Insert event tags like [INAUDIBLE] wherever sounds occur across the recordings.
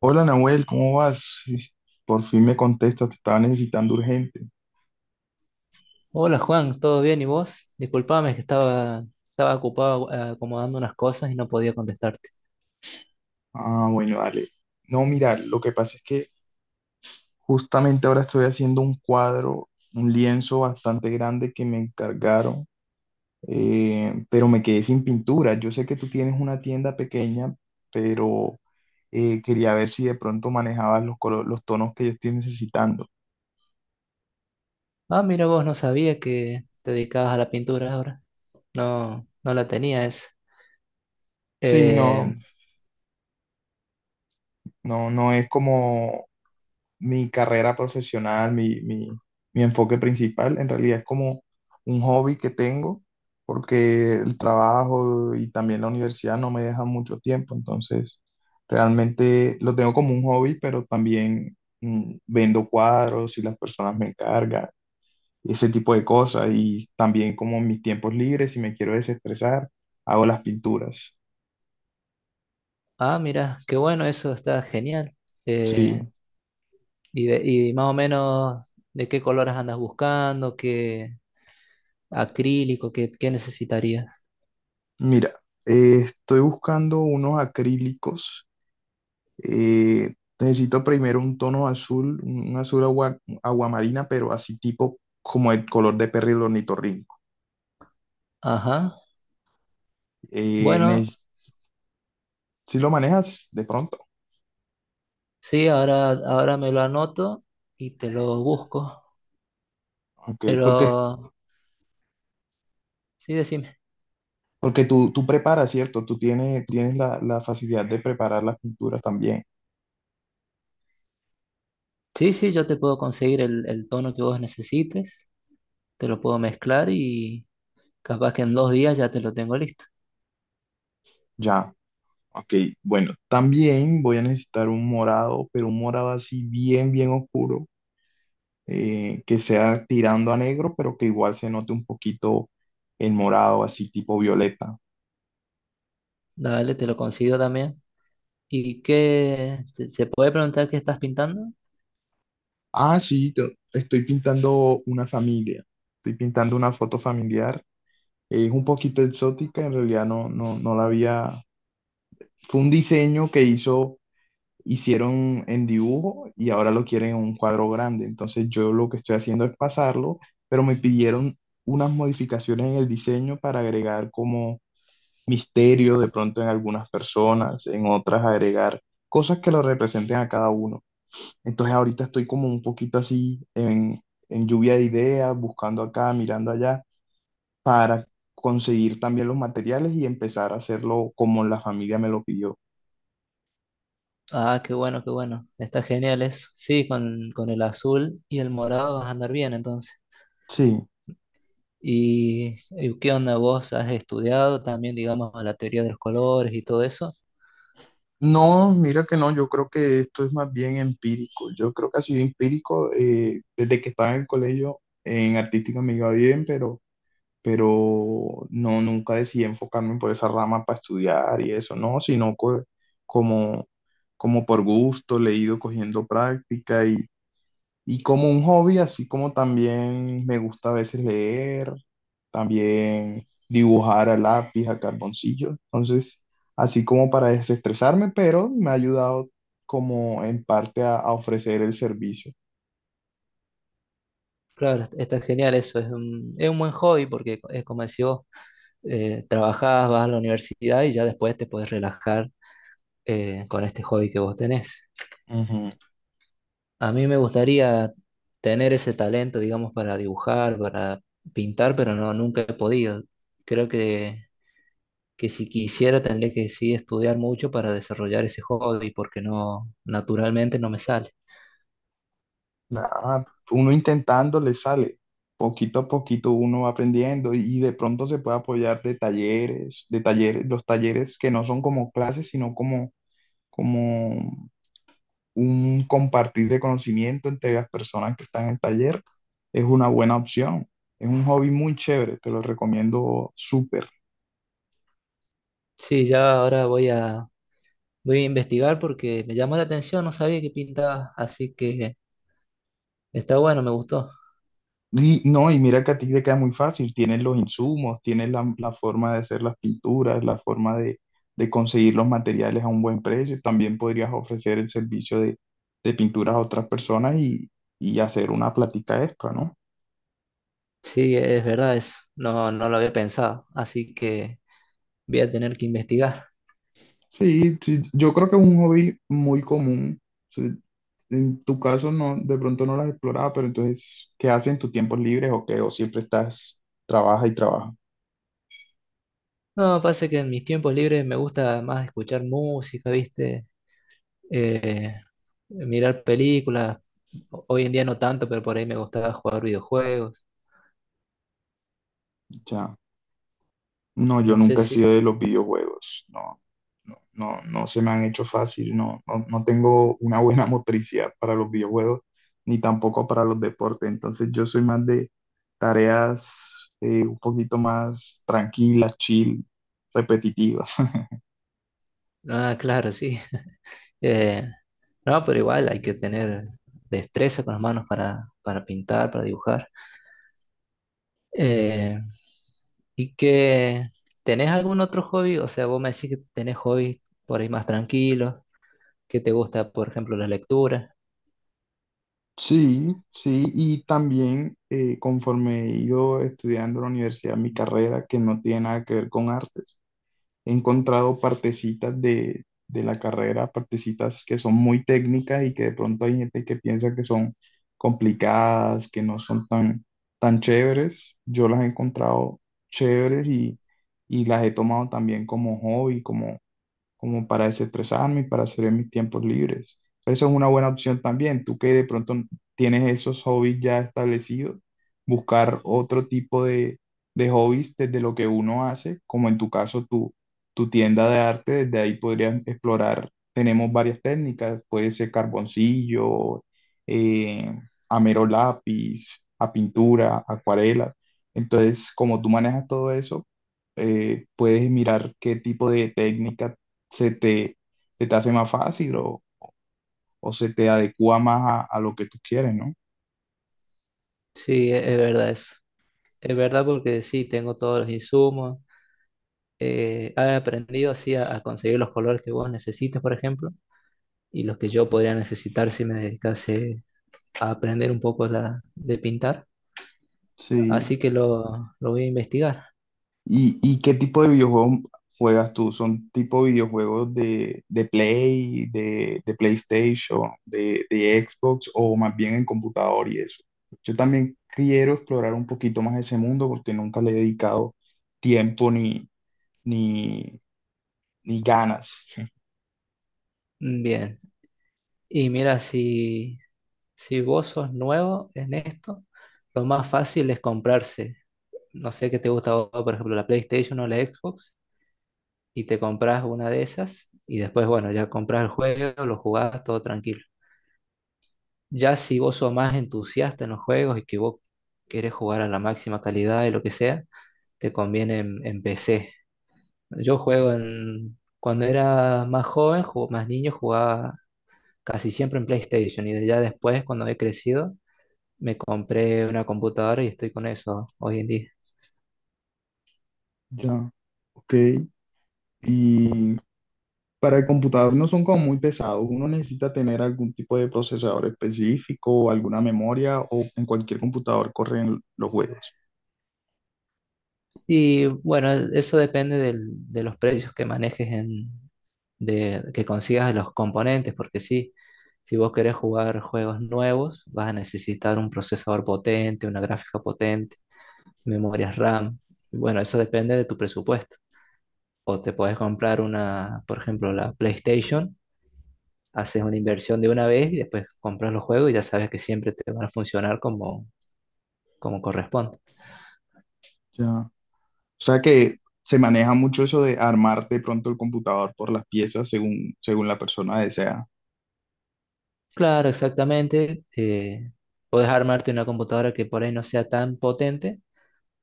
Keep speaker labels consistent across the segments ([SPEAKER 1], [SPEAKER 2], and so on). [SPEAKER 1] Hola Nahuel, ¿cómo vas? Sí, por fin me contestas, te estaba necesitando urgente.
[SPEAKER 2] Hola Juan, ¿todo bien? ¿Y vos? Disculpame, que estaba ocupado, acomodando unas cosas y no podía contestarte.
[SPEAKER 1] Ah, bueno, dale. No, mira, lo que pasa es que justamente ahora estoy haciendo un cuadro, un lienzo bastante grande que me encargaron, pero me quedé sin pintura. Yo sé que tú tienes una tienda pequeña, pero quería ver si de pronto manejabas los los tonos que yo estoy necesitando.
[SPEAKER 2] Ah, mira vos, no sabía que te dedicabas a la pintura ahora. No, no la tenía esa.
[SPEAKER 1] Sí,
[SPEAKER 2] Eh,
[SPEAKER 1] no, no, no es como mi carrera profesional, mi enfoque principal. En realidad es como un hobby que tengo, porque el trabajo y también la universidad no me dejan mucho tiempo, entonces realmente lo tengo como un hobby, pero también vendo cuadros y las personas me encargan, ese tipo de cosas, y también como en mis tiempos libres, si me quiero desestresar, hago las pinturas.
[SPEAKER 2] ah, mira, qué bueno, eso está genial.
[SPEAKER 1] Sí,
[SPEAKER 2] Eh, y, de- y más o menos, ¿de qué colores andas buscando? ¿Qué acrílico? ¿Qué necesitarías?
[SPEAKER 1] mira, estoy buscando unos acrílicos. Necesito primero un tono azul, un azul agua, aguamarina, pero así tipo como el color de perro y el ornitorrinco.
[SPEAKER 2] Ajá.
[SPEAKER 1] Eh,
[SPEAKER 2] Bueno,
[SPEAKER 1] neces- si lo manejas de pronto,
[SPEAKER 2] sí, ahora me lo anoto y te lo busco.
[SPEAKER 1] ok,
[SPEAKER 2] Pero,
[SPEAKER 1] porque,
[SPEAKER 2] sí, decime.
[SPEAKER 1] porque tú preparas, ¿cierto? Tú tienes, tienes la facilidad de preparar las pinturas también,
[SPEAKER 2] Sí, sí, yo te puedo conseguir el tono que vos necesites, te lo puedo mezclar y capaz que en 2 días ya te lo tengo listo.
[SPEAKER 1] ya. Ok, bueno, también voy a necesitar un morado, pero un morado así bien, bien oscuro, que sea tirando a negro, pero que igual se note un poquito el morado, así tipo violeta.
[SPEAKER 2] Dale, te lo consigo también. ¿Y qué? ¿Se puede preguntar qué estás pintando?
[SPEAKER 1] Ah, sí, estoy pintando una familia. Estoy pintando una foto familiar. Es un poquito exótica, en realidad no, no la había. Fue un diseño que hicieron en dibujo y ahora lo quieren en un cuadro grande. Entonces yo lo que estoy haciendo es pasarlo, pero me pidieron unas modificaciones en el diseño para agregar como misterio de pronto en algunas personas, en otras agregar cosas que lo representen a cada uno. Entonces ahorita estoy como un poquito así en lluvia de ideas, buscando acá, mirando allá, para conseguir también los materiales y empezar a hacerlo como la familia me lo pidió.
[SPEAKER 2] Ah, qué bueno, qué bueno. Está genial eso. Sí, con el azul y el morado vas a andar bien entonces.
[SPEAKER 1] Sí.
[SPEAKER 2] ¿Y qué onda vos has estudiado también, digamos, la teoría de los colores y todo eso?
[SPEAKER 1] No, mira que no, yo creo que esto es más bien empírico. Yo creo que ha sido empírico desde que estaba en el colegio, en artística me iba bien, pero no, nunca decidí enfocarme por esa rama para estudiar y eso, no, sino como, como por gusto, le he ido cogiendo práctica y como un hobby, así como también me gusta a veces leer, también dibujar a lápiz, a carboncillo, entonces, así como para desestresarme, pero me ha ayudado como en parte a ofrecer el servicio.
[SPEAKER 2] Claro, está genial eso. Es un buen hobby porque es como decís vos, trabajás, vas a la universidad y ya después te puedes relajar con este hobby que vos tenés. A mí me gustaría tener ese talento, digamos, para dibujar, para pintar, pero no, nunca he podido. Creo que si quisiera tendría que sí estudiar mucho para desarrollar ese hobby, porque no, naturalmente no me sale.
[SPEAKER 1] Nada, uno intentando le sale. Poquito a poquito uno va aprendiendo y de pronto se puede apoyar de talleres, los talleres que no son como clases, sino como, como un compartir de conocimiento entre las personas que están en el taller. Es una buena opción. Es un hobby muy chévere, te lo recomiendo súper.
[SPEAKER 2] Sí, ya ahora voy a investigar porque me llamó la atención, no sabía que pintaba, así que está bueno, me gustó.
[SPEAKER 1] Y no, y mira que a ti te queda muy fácil, tienes los insumos, tienes la forma de hacer las pinturas, la forma de conseguir los materiales a un buen precio. También podrías ofrecer el servicio de pinturas a otras personas y hacer una plática extra, ¿no?
[SPEAKER 2] Sí, es verdad eso. No, no lo había pensado, así que voy a tener que investigar.
[SPEAKER 1] Sí, sí, yo creo que es un hobby muy común. Sí, en tu caso no, de pronto no lo has explorado, pero entonces, ¿qué haces en tus tiempos libres o qué? ¿O siempre estás, trabaja y trabaja?
[SPEAKER 2] No, pasa que en mis tiempos libres me gusta más escuchar música, ¿viste? Eh, Mirar películas. Hoy en día no tanto, pero por ahí me gustaba jugar videojuegos.
[SPEAKER 1] Ya. No, yo
[SPEAKER 2] No sé
[SPEAKER 1] nunca he
[SPEAKER 2] si...
[SPEAKER 1] sido de los videojuegos. No, no se me han hecho fácil. No, no tengo una buena [LAUGHS] motricidad para los videojuegos, ni tampoco para los deportes. Entonces yo soy más de tareas un poquito más tranquilas, chill, repetitivas. [LAUGHS]
[SPEAKER 2] Ah, claro, sí. [LAUGHS] Eh, no, pero igual hay que tener destreza con las manos para pintar, para dibujar. Eh, ¿Y que tenés algún otro hobby? O sea, vos me decís que tenés hobbies por ahí más tranquilos, que te gusta, por ejemplo, la lectura.
[SPEAKER 1] Sí, sí, y también conforme he ido estudiando en la universidad, mi carrera, que no tiene nada que ver con artes. He encontrado partecitas de la carrera, partecitas que son muy técnicas y que de pronto hay gente que piensa que son complicadas, que no son tan, tan chéveres. Yo las he encontrado chéveres y las he tomado también como hobby, como, como para desestresarme y para hacer en mis tiempos libres. Esa es una buena opción también. Tú que de pronto tienes esos hobbies ya establecidos, buscar otro tipo de hobbies desde lo que uno hace, como en tu caso tu tienda de arte, desde ahí podrías explorar. Tenemos varias técnicas, puede ser carboncillo, eh, a mero lápiz, a pintura, acuarela. Entonces, como tú manejas todo eso, puedes mirar qué tipo de técnica se te, se te hace más fácil o se te adecua más a lo que tú quieres, ¿no?
[SPEAKER 2] Sí, verdad eso. Es verdad porque sí, tengo todos los insumos. He aprendido así a conseguir los colores que vos necesitas, por ejemplo, y los que yo podría necesitar si me dedicase a aprender un poco la, de pintar.
[SPEAKER 1] Sí.
[SPEAKER 2] Así que lo voy a investigar.
[SPEAKER 1] Y qué tipo de videojuegos juegas tú? ¿Son tipo videojuegos de Play, de PlayStation, de Xbox o más bien en computador y eso? Yo también quiero explorar un poquito más ese mundo porque nunca le he dedicado tiempo ni, ni ganas.
[SPEAKER 2] Bien. Y mira, si... Si vos sos nuevo en esto, lo más fácil es comprarse, no sé qué te gusta, a vos, por ejemplo, la PlayStation o la Xbox, y te compras una de esas, y después, bueno, ya compras el juego, lo jugás, todo tranquilo. Ya si vos sos más entusiasta en los juegos y que vos querés jugar a la máxima calidad y lo que sea, te conviene en PC. Yo juego en... Cuando era más joven, más niño, jugaba casi siempre en PlayStation, y ya después, cuando he crecido, me compré una computadora y estoy con eso hoy en día.
[SPEAKER 1] Ya, ok. ¿Y para el computador no son como muy pesados? Uno necesita tener algún tipo de procesador específico, o alguna memoria, o en cualquier computador corren los juegos.
[SPEAKER 2] Y bueno, eso depende de los precios que manejes en, de, que consigas de los componentes, porque sí, si vos querés jugar juegos nuevos, vas a necesitar un procesador potente, una gráfica potente, memorias RAM. Y bueno, eso depende de tu presupuesto. O te podés comprar una, por ejemplo, la PlayStation, haces una inversión de una vez y después compras los juegos y ya sabes que siempre te van a funcionar como, como corresponde.
[SPEAKER 1] Ya. O sea que se maneja mucho eso de armar de pronto el computador por las piezas según, según la persona desea.
[SPEAKER 2] Claro, exactamente. Puedes armarte una computadora que por ahí no sea tan potente,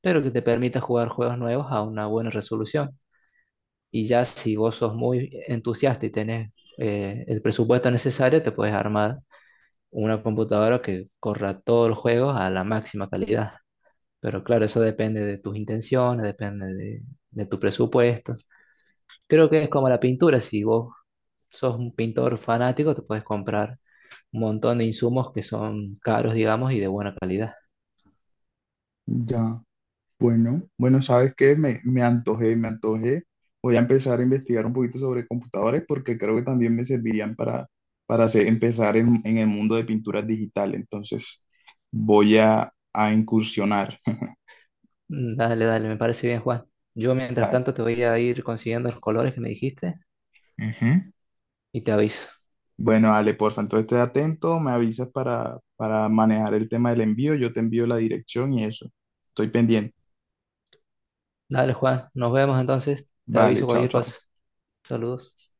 [SPEAKER 2] pero que te permita jugar juegos nuevos a una buena resolución. Y ya si vos sos muy entusiasta y tenés, el presupuesto necesario, te puedes armar una computadora que corra todos los juegos a la máxima calidad. Pero claro, eso depende de tus intenciones, depende de tus presupuestos. Creo que es como la pintura, si vos sos un pintor fanático, te puedes comprar un montón de insumos que son caros, digamos, y de buena calidad.
[SPEAKER 1] Ya. Bueno, bueno, ¿sabes qué? Me antojé, me antojé. Voy a empezar a investigar un poquito sobre computadores porque creo que también me servirían para empezar en el mundo de pinturas digital. Entonces, voy a incursionar. [LAUGHS]
[SPEAKER 2] Dale, dale, me parece bien, Juan. Yo mientras
[SPEAKER 1] Tal.
[SPEAKER 2] tanto te voy a ir consiguiendo los colores que me dijiste
[SPEAKER 1] Ujú.
[SPEAKER 2] y te aviso.
[SPEAKER 1] Bueno, Ale, porfa, entonces esté atento, me avisas para manejar el tema del envío, yo te envío la dirección y eso. Estoy pendiente.
[SPEAKER 2] Dale, Juan, nos vemos entonces. Te
[SPEAKER 1] Vale,
[SPEAKER 2] aviso
[SPEAKER 1] chao,
[SPEAKER 2] cualquier
[SPEAKER 1] chao.
[SPEAKER 2] cosa. Saludos.